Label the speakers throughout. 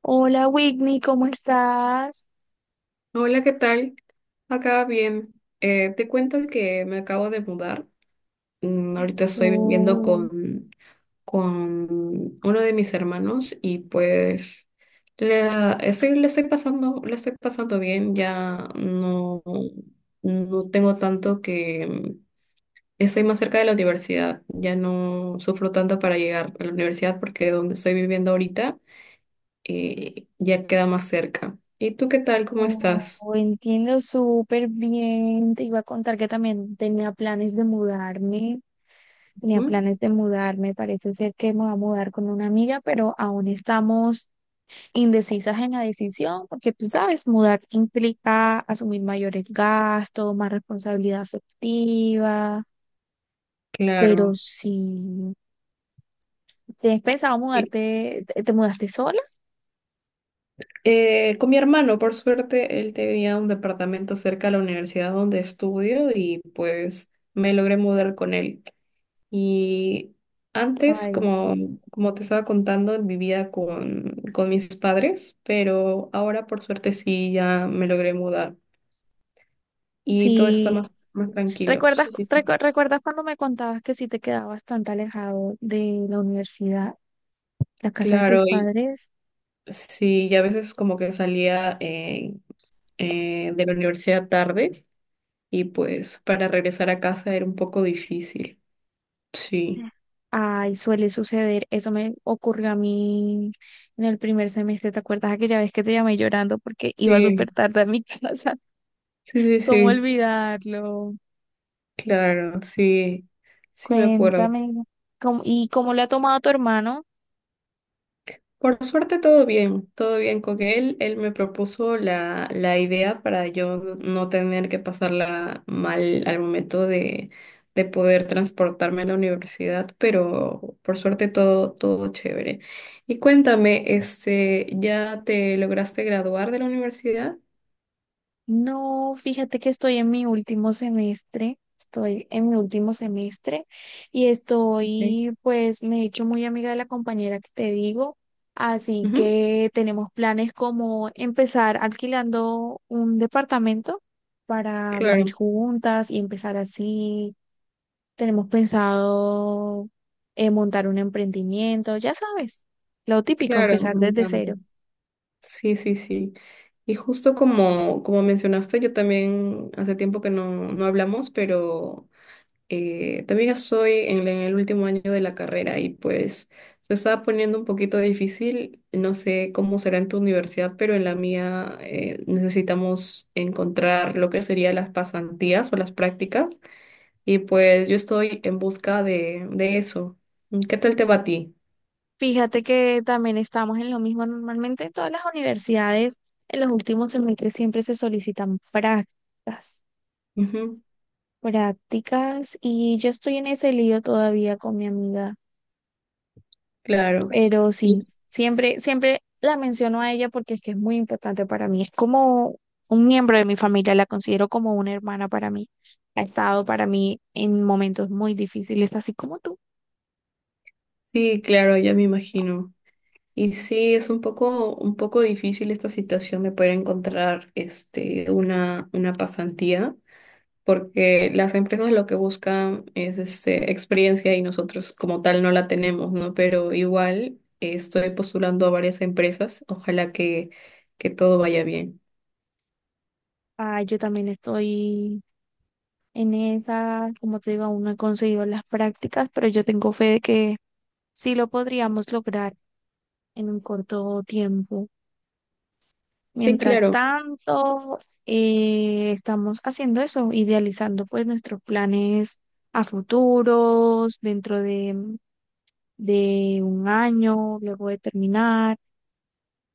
Speaker 1: Hola Whitney, ¿cómo estás?
Speaker 2: Hola, ¿qué tal? Acá bien. Te cuento que me acabo de mudar. Ahorita estoy viviendo
Speaker 1: Oh,
Speaker 2: con uno de mis hermanos y pues la estoy, le estoy pasando bien. Ya no, no tengo tanto que estoy más cerca de la universidad. Ya no sufro tanto para llegar a la universidad porque donde estoy viviendo ahorita ya queda más cerca. ¿Y tú qué tal? ¿Cómo estás?
Speaker 1: oh, entiendo súper bien. Te iba a contar que también tenía planes de mudarme. Tenía
Speaker 2: ¿Mm?
Speaker 1: planes de mudarme. Parece ser que me voy a mudar con una amiga, pero aún estamos indecisas en la decisión, porque tú sabes, mudar implica asumir mayores gastos, más responsabilidad afectiva. Pero
Speaker 2: Claro.
Speaker 1: si te has pensado
Speaker 2: Y,
Speaker 1: mudarte, te mudaste sola?
Speaker 2: con mi hermano, por suerte, él tenía un departamento cerca de la universidad donde estudio y pues me logré mudar con él. Y antes,
Speaker 1: Ay, sí.
Speaker 2: como te estaba contando, vivía con mis padres, pero ahora por suerte sí ya me logré mudar y todo está
Speaker 1: Sí,
Speaker 2: más tranquilo.
Speaker 1: ¿Recuerdas,
Speaker 2: Sí, sí.
Speaker 1: recuerdas cuando me contabas que si te quedabas bastante alejado de la universidad, la casa de tus
Speaker 2: Claro, y
Speaker 1: padres?
Speaker 2: sí, y a veces como que salía de la universidad tarde y pues para regresar a casa era un poco difícil. Sí,
Speaker 1: Ay, suele suceder. Eso me ocurrió a mí en el primer semestre. ¿Te acuerdas aquella vez que te llamé llorando porque iba
Speaker 2: sí.
Speaker 1: súper tarde a mi casa?
Speaker 2: sí, sí,
Speaker 1: ¿Cómo
Speaker 2: sí,
Speaker 1: olvidarlo?
Speaker 2: claro, sí, sí me acuerdo.
Speaker 1: Cuéntame. ¿Y cómo le ha tomado tu hermano?
Speaker 2: Por suerte todo bien con él. Él me propuso la idea para yo no tener que pasarla mal al momento de poder transportarme a la universidad, pero por suerte todo, todo chévere. Y cuéntame, este, ¿ya te lograste graduar de la universidad?
Speaker 1: No, fíjate que estoy en mi último semestre, estoy en mi último semestre y
Speaker 2: Ok.
Speaker 1: estoy, pues me he hecho muy amiga de la compañera que te digo, así
Speaker 2: Ujú,
Speaker 1: que tenemos planes como empezar alquilando un departamento para vivir
Speaker 2: claro.
Speaker 1: juntas y empezar así. Tenemos pensado montar un emprendimiento, ya sabes, lo típico,
Speaker 2: Claro,
Speaker 1: empezar
Speaker 2: me
Speaker 1: desde
Speaker 2: encanta.
Speaker 1: cero.
Speaker 2: Sí, sí, sí. Y justo como mencionaste, yo también hace tiempo que no hablamos, pero también estoy en el último año de la carrera y pues se está poniendo un poquito difícil. No sé cómo será en tu universidad, pero en la mía necesitamos encontrar lo que serían las pasantías o las prácticas y pues yo estoy en busca de eso. ¿Qué tal te va a ti?
Speaker 1: Fíjate que también estamos en lo mismo. Normalmente en todas las universidades, en los últimos semestres siempre se solicitan prácticas,
Speaker 2: Ujú,
Speaker 1: prácticas, y yo estoy en ese lío todavía con mi amiga,
Speaker 2: claro.
Speaker 1: pero sí, siempre, siempre la menciono a ella porque es que es muy importante para mí. Es como un miembro de mi familia, la considero como una hermana para mí. Ha estado para mí en momentos muy difíciles, así como tú.
Speaker 2: Sí, claro, ya me imagino. Y sí, es un un poco difícil esta situación de poder encontrar este, una pasantía, porque las empresas lo que buscan es este, experiencia y nosotros como tal no la tenemos, ¿no? Pero igual estoy postulando a varias empresas, ojalá que todo vaya bien.
Speaker 1: Ah, yo también estoy. En esa, como te digo, aún no he conseguido las prácticas, pero yo tengo fe de que sí lo podríamos lograr en un corto tiempo.
Speaker 2: Sí,
Speaker 1: Mientras
Speaker 2: claro,
Speaker 1: tanto, estamos haciendo eso, idealizando pues nuestros planes a futuros, dentro de un año, luego de terminar.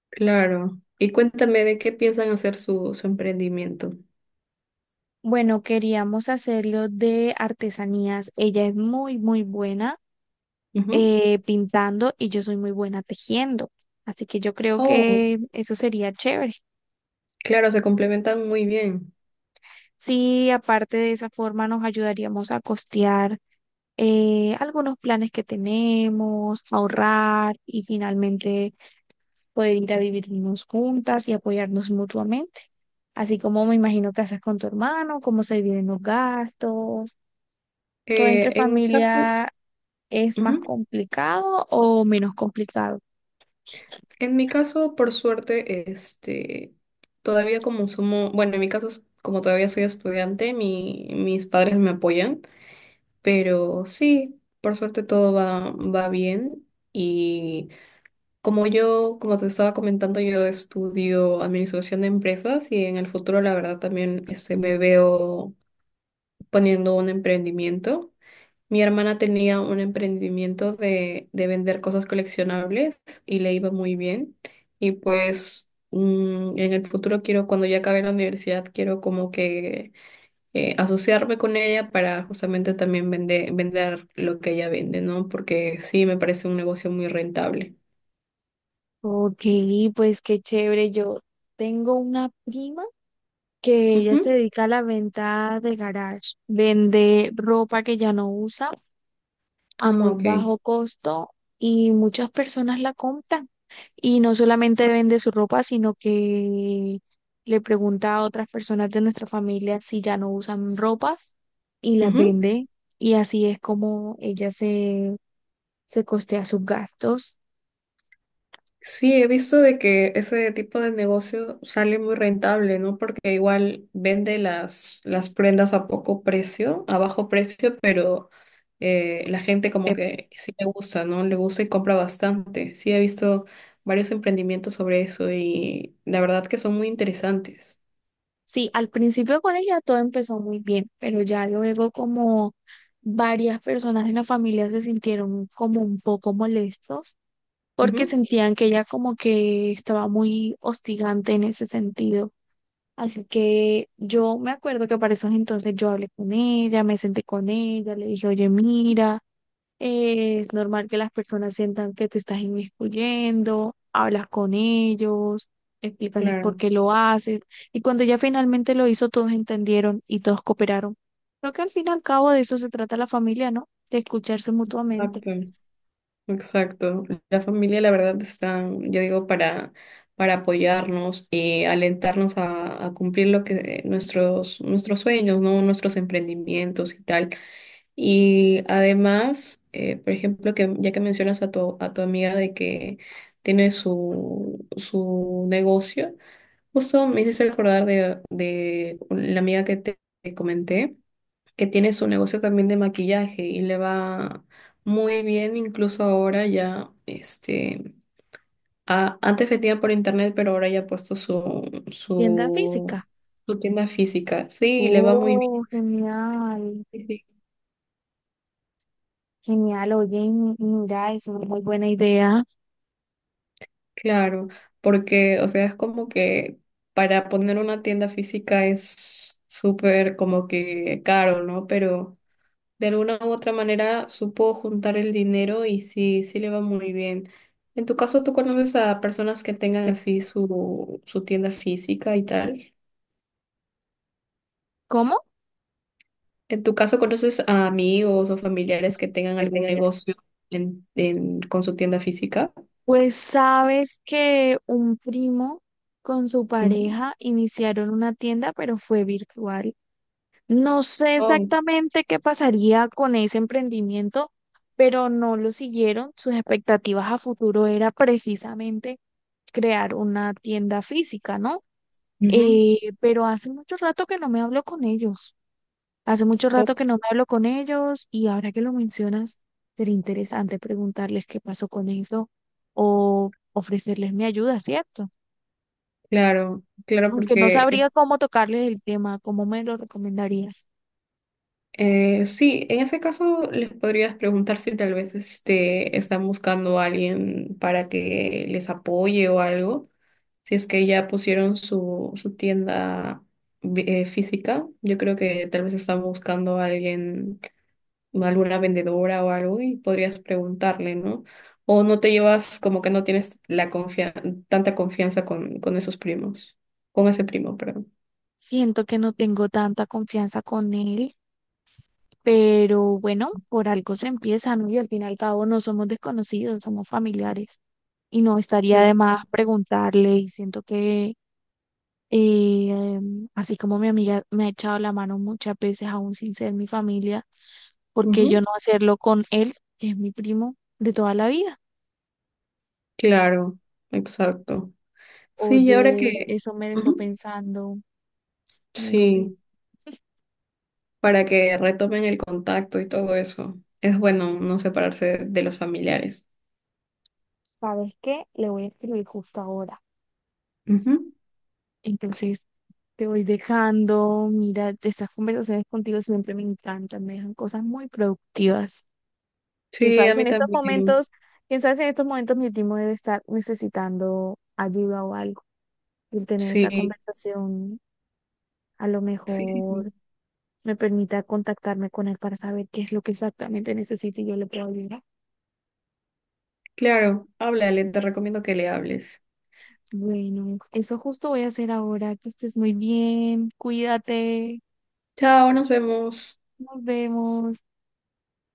Speaker 2: claro. Y cuéntame de qué piensan hacer su emprendimiento.
Speaker 1: Bueno, queríamos hacerlo de artesanías. Ella es muy, muy buena.
Speaker 2: Ujú.
Speaker 1: Pintando y yo soy muy buena tejiendo. Así que yo creo
Speaker 2: Oh,
Speaker 1: que eso sería chévere.
Speaker 2: claro, se complementan muy bien.
Speaker 1: Sí, aparte de esa forma nos ayudaríamos a costear algunos planes que tenemos, ahorrar y finalmente poder ir a vivirnos juntas y apoyarnos mutuamente. Así como me imagino que haces con tu hermano, cómo se dividen los gastos, todo entre
Speaker 2: En mi caso,
Speaker 1: familia es más
Speaker 2: ujú.
Speaker 1: complicado o menos complicado.
Speaker 2: En mi caso, por suerte, este, todavía como somos, bueno, en mi caso, como todavía soy estudiante, mis padres me apoyan, pero sí, por suerte todo va bien. Y como yo, como te estaba comentando, yo estudio administración de empresas y en el futuro, la verdad, también este, me veo poniendo un emprendimiento. Mi hermana tenía un emprendimiento de vender cosas coleccionables y le iba muy bien. Y pues en el futuro quiero, cuando ya acabe la universidad, quiero como que asociarme con ella para justamente también vender lo que ella vende, ¿no? Porque sí, me parece un negocio muy rentable.
Speaker 1: Ok, pues qué chévere. Yo tengo una prima que ella se
Speaker 2: Ujú.
Speaker 1: dedica a la venta de garage. Vende ropa que ya no usa
Speaker 2: Ah,
Speaker 1: a muy
Speaker 2: ok.
Speaker 1: bajo costo y muchas personas la compran. Y no solamente vende su ropa, sino que le pregunta a otras personas de nuestra familia si ya no usan ropas y las
Speaker 2: Ujú.
Speaker 1: vende. Y así es como ella se costea sus gastos.
Speaker 2: Sí, he visto de que ese tipo de negocio sale muy rentable, ¿no? Porque igual vende las prendas a poco precio, a bajo precio, pero la gente como que sí le gusta, ¿no? Le gusta y compra bastante. Sí, he visto varios emprendimientos sobre eso y la verdad que son muy interesantes.
Speaker 1: Sí, al principio con ella todo empezó muy bien, pero ya luego como varias personas en la familia se sintieron como un poco molestos porque
Speaker 2: Ujú,
Speaker 1: sentían que ella como que estaba muy hostigante en ese sentido. Así que yo me acuerdo que para esos entonces yo hablé con ella, me senté con ella, le dije, oye, mira. Es normal que las personas sientan que te estás inmiscuyendo, hablas con ellos, explícales por
Speaker 2: claro,
Speaker 1: qué lo haces. Y cuando ya finalmente lo hizo, todos entendieron y todos cooperaron. Creo que al fin y al cabo de eso se trata la familia, ¿no? De escucharse mutuamente.
Speaker 2: exacto. Exacto. La familia, la verdad, está, yo digo, para apoyarnos y alentarnos a cumplir lo que nuestros sueños, ¿no? Nuestros emprendimientos y tal. Y además, por ejemplo, que ya que mencionas a a tu amiga de que tiene su negocio, justo me hiciste acordar de la amiga que te comenté que tiene su negocio también de maquillaje y le va muy bien, incluso ahora ya, este, antes vendía por internet, pero ahora ya ha puesto
Speaker 1: Tienda
Speaker 2: su,
Speaker 1: física.
Speaker 2: su tienda física. Sí, y le va muy bien,
Speaker 1: Oh, genial.
Speaker 2: sí, sí,
Speaker 1: Genial, oye, mira, es una muy buena idea.
Speaker 2: claro, porque, o sea, es como que para poner una tienda física es súper como que caro, ¿no? Pero de alguna u otra manera supo juntar el dinero y sí, sí le va muy bien. En tu caso, ¿tú conoces a personas que tengan así su tienda física y tal?
Speaker 1: ¿Cómo?
Speaker 2: ¿En tu caso conoces a amigos o familiares que tengan algún negocio con su tienda física?
Speaker 1: Pues sabes que un primo con su
Speaker 2: Ujú.
Speaker 1: pareja iniciaron una tienda, pero fue virtual. No sé
Speaker 2: Oh,
Speaker 1: exactamente qué pasaría con ese emprendimiento, pero no lo siguieron. Sus expectativas a futuro era precisamente crear una tienda física, ¿no?
Speaker 2: ujú.
Speaker 1: Pero hace mucho rato que no me hablo con ellos. Hace mucho
Speaker 2: Oh,
Speaker 1: rato que no me hablo con ellos y ahora que lo mencionas, sería interesante preguntarles qué pasó con eso o ofrecerles mi ayuda, ¿cierto?
Speaker 2: claro, claro,
Speaker 1: Aunque no
Speaker 2: porque
Speaker 1: sabría
Speaker 2: es-
Speaker 1: cómo tocarles el tema, ¿cómo me lo recomendarías?
Speaker 2: Sí, en ese caso les podrías preguntar si tal vez este, están buscando a alguien para que les apoye o algo. Si es que ya pusieron su tienda física, yo creo que tal vez están buscando a alguien, alguna vendedora o algo, y podrías preguntarle, ¿no? O no te llevas, como que no tienes la tanta confianza con esos primos, con ese primo, perdón.
Speaker 1: Siento que no tengo tanta confianza con él, pero bueno, por algo se empieza, ¿no? Y al fin y al cabo no somos desconocidos, somos familiares. Y no estaría de más
Speaker 2: Exacto.
Speaker 1: preguntarle y siento que así como mi amiga me ha echado la mano muchas veces, aún sin ser mi familia, ¿porque yo
Speaker 2: Ujú.
Speaker 1: no hacerlo con él, que es mi primo de toda la vida?
Speaker 2: Claro, exacto. Sí, y ahora
Speaker 1: Oye,
Speaker 2: que...
Speaker 1: eso
Speaker 2: Ujú.
Speaker 1: me dejó
Speaker 2: Sí,
Speaker 1: pensando,
Speaker 2: para que retomen el contacto y todo eso. Es bueno no separarse de los familiares.
Speaker 1: ¿sabes qué? Le voy a escribir justo ahora.
Speaker 2: Ujú.
Speaker 1: Entonces, te voy dejando, mira, estas conversaciones contigo siempre me encantan, me dejan cosas muy productivas. Quién
Speaker 2: Sí,
Speaker 1: sabe
Speaker 2: a
Speaker 1: si
Speaker 2: mí
Speaker 1: en estos
Speaker 2: también.
Speaker 1: momentos, quién sabe si en estos momentos mi primo debe estar necesitando ayuda o algo. El tener esta
Speaker 2: Sí,
Speaker 1: conversación a lo
Speaker 2: sí, sí,
Speaker 1: mejor
Speaker 2: sí.
Speaker 1: me permita contactarme con él para saber qué es lo que exactamente necesito y yo le puedo ayudar.
Speaker 2: Claro, háblale, te recomiendo que le hables.
Speaker 1: Bueno, eso justo voy a hacer ahora. Que estés muy bien, cuídate,
Speaker 2: Chao, nos vemos.
Speaker 1: nos vemos.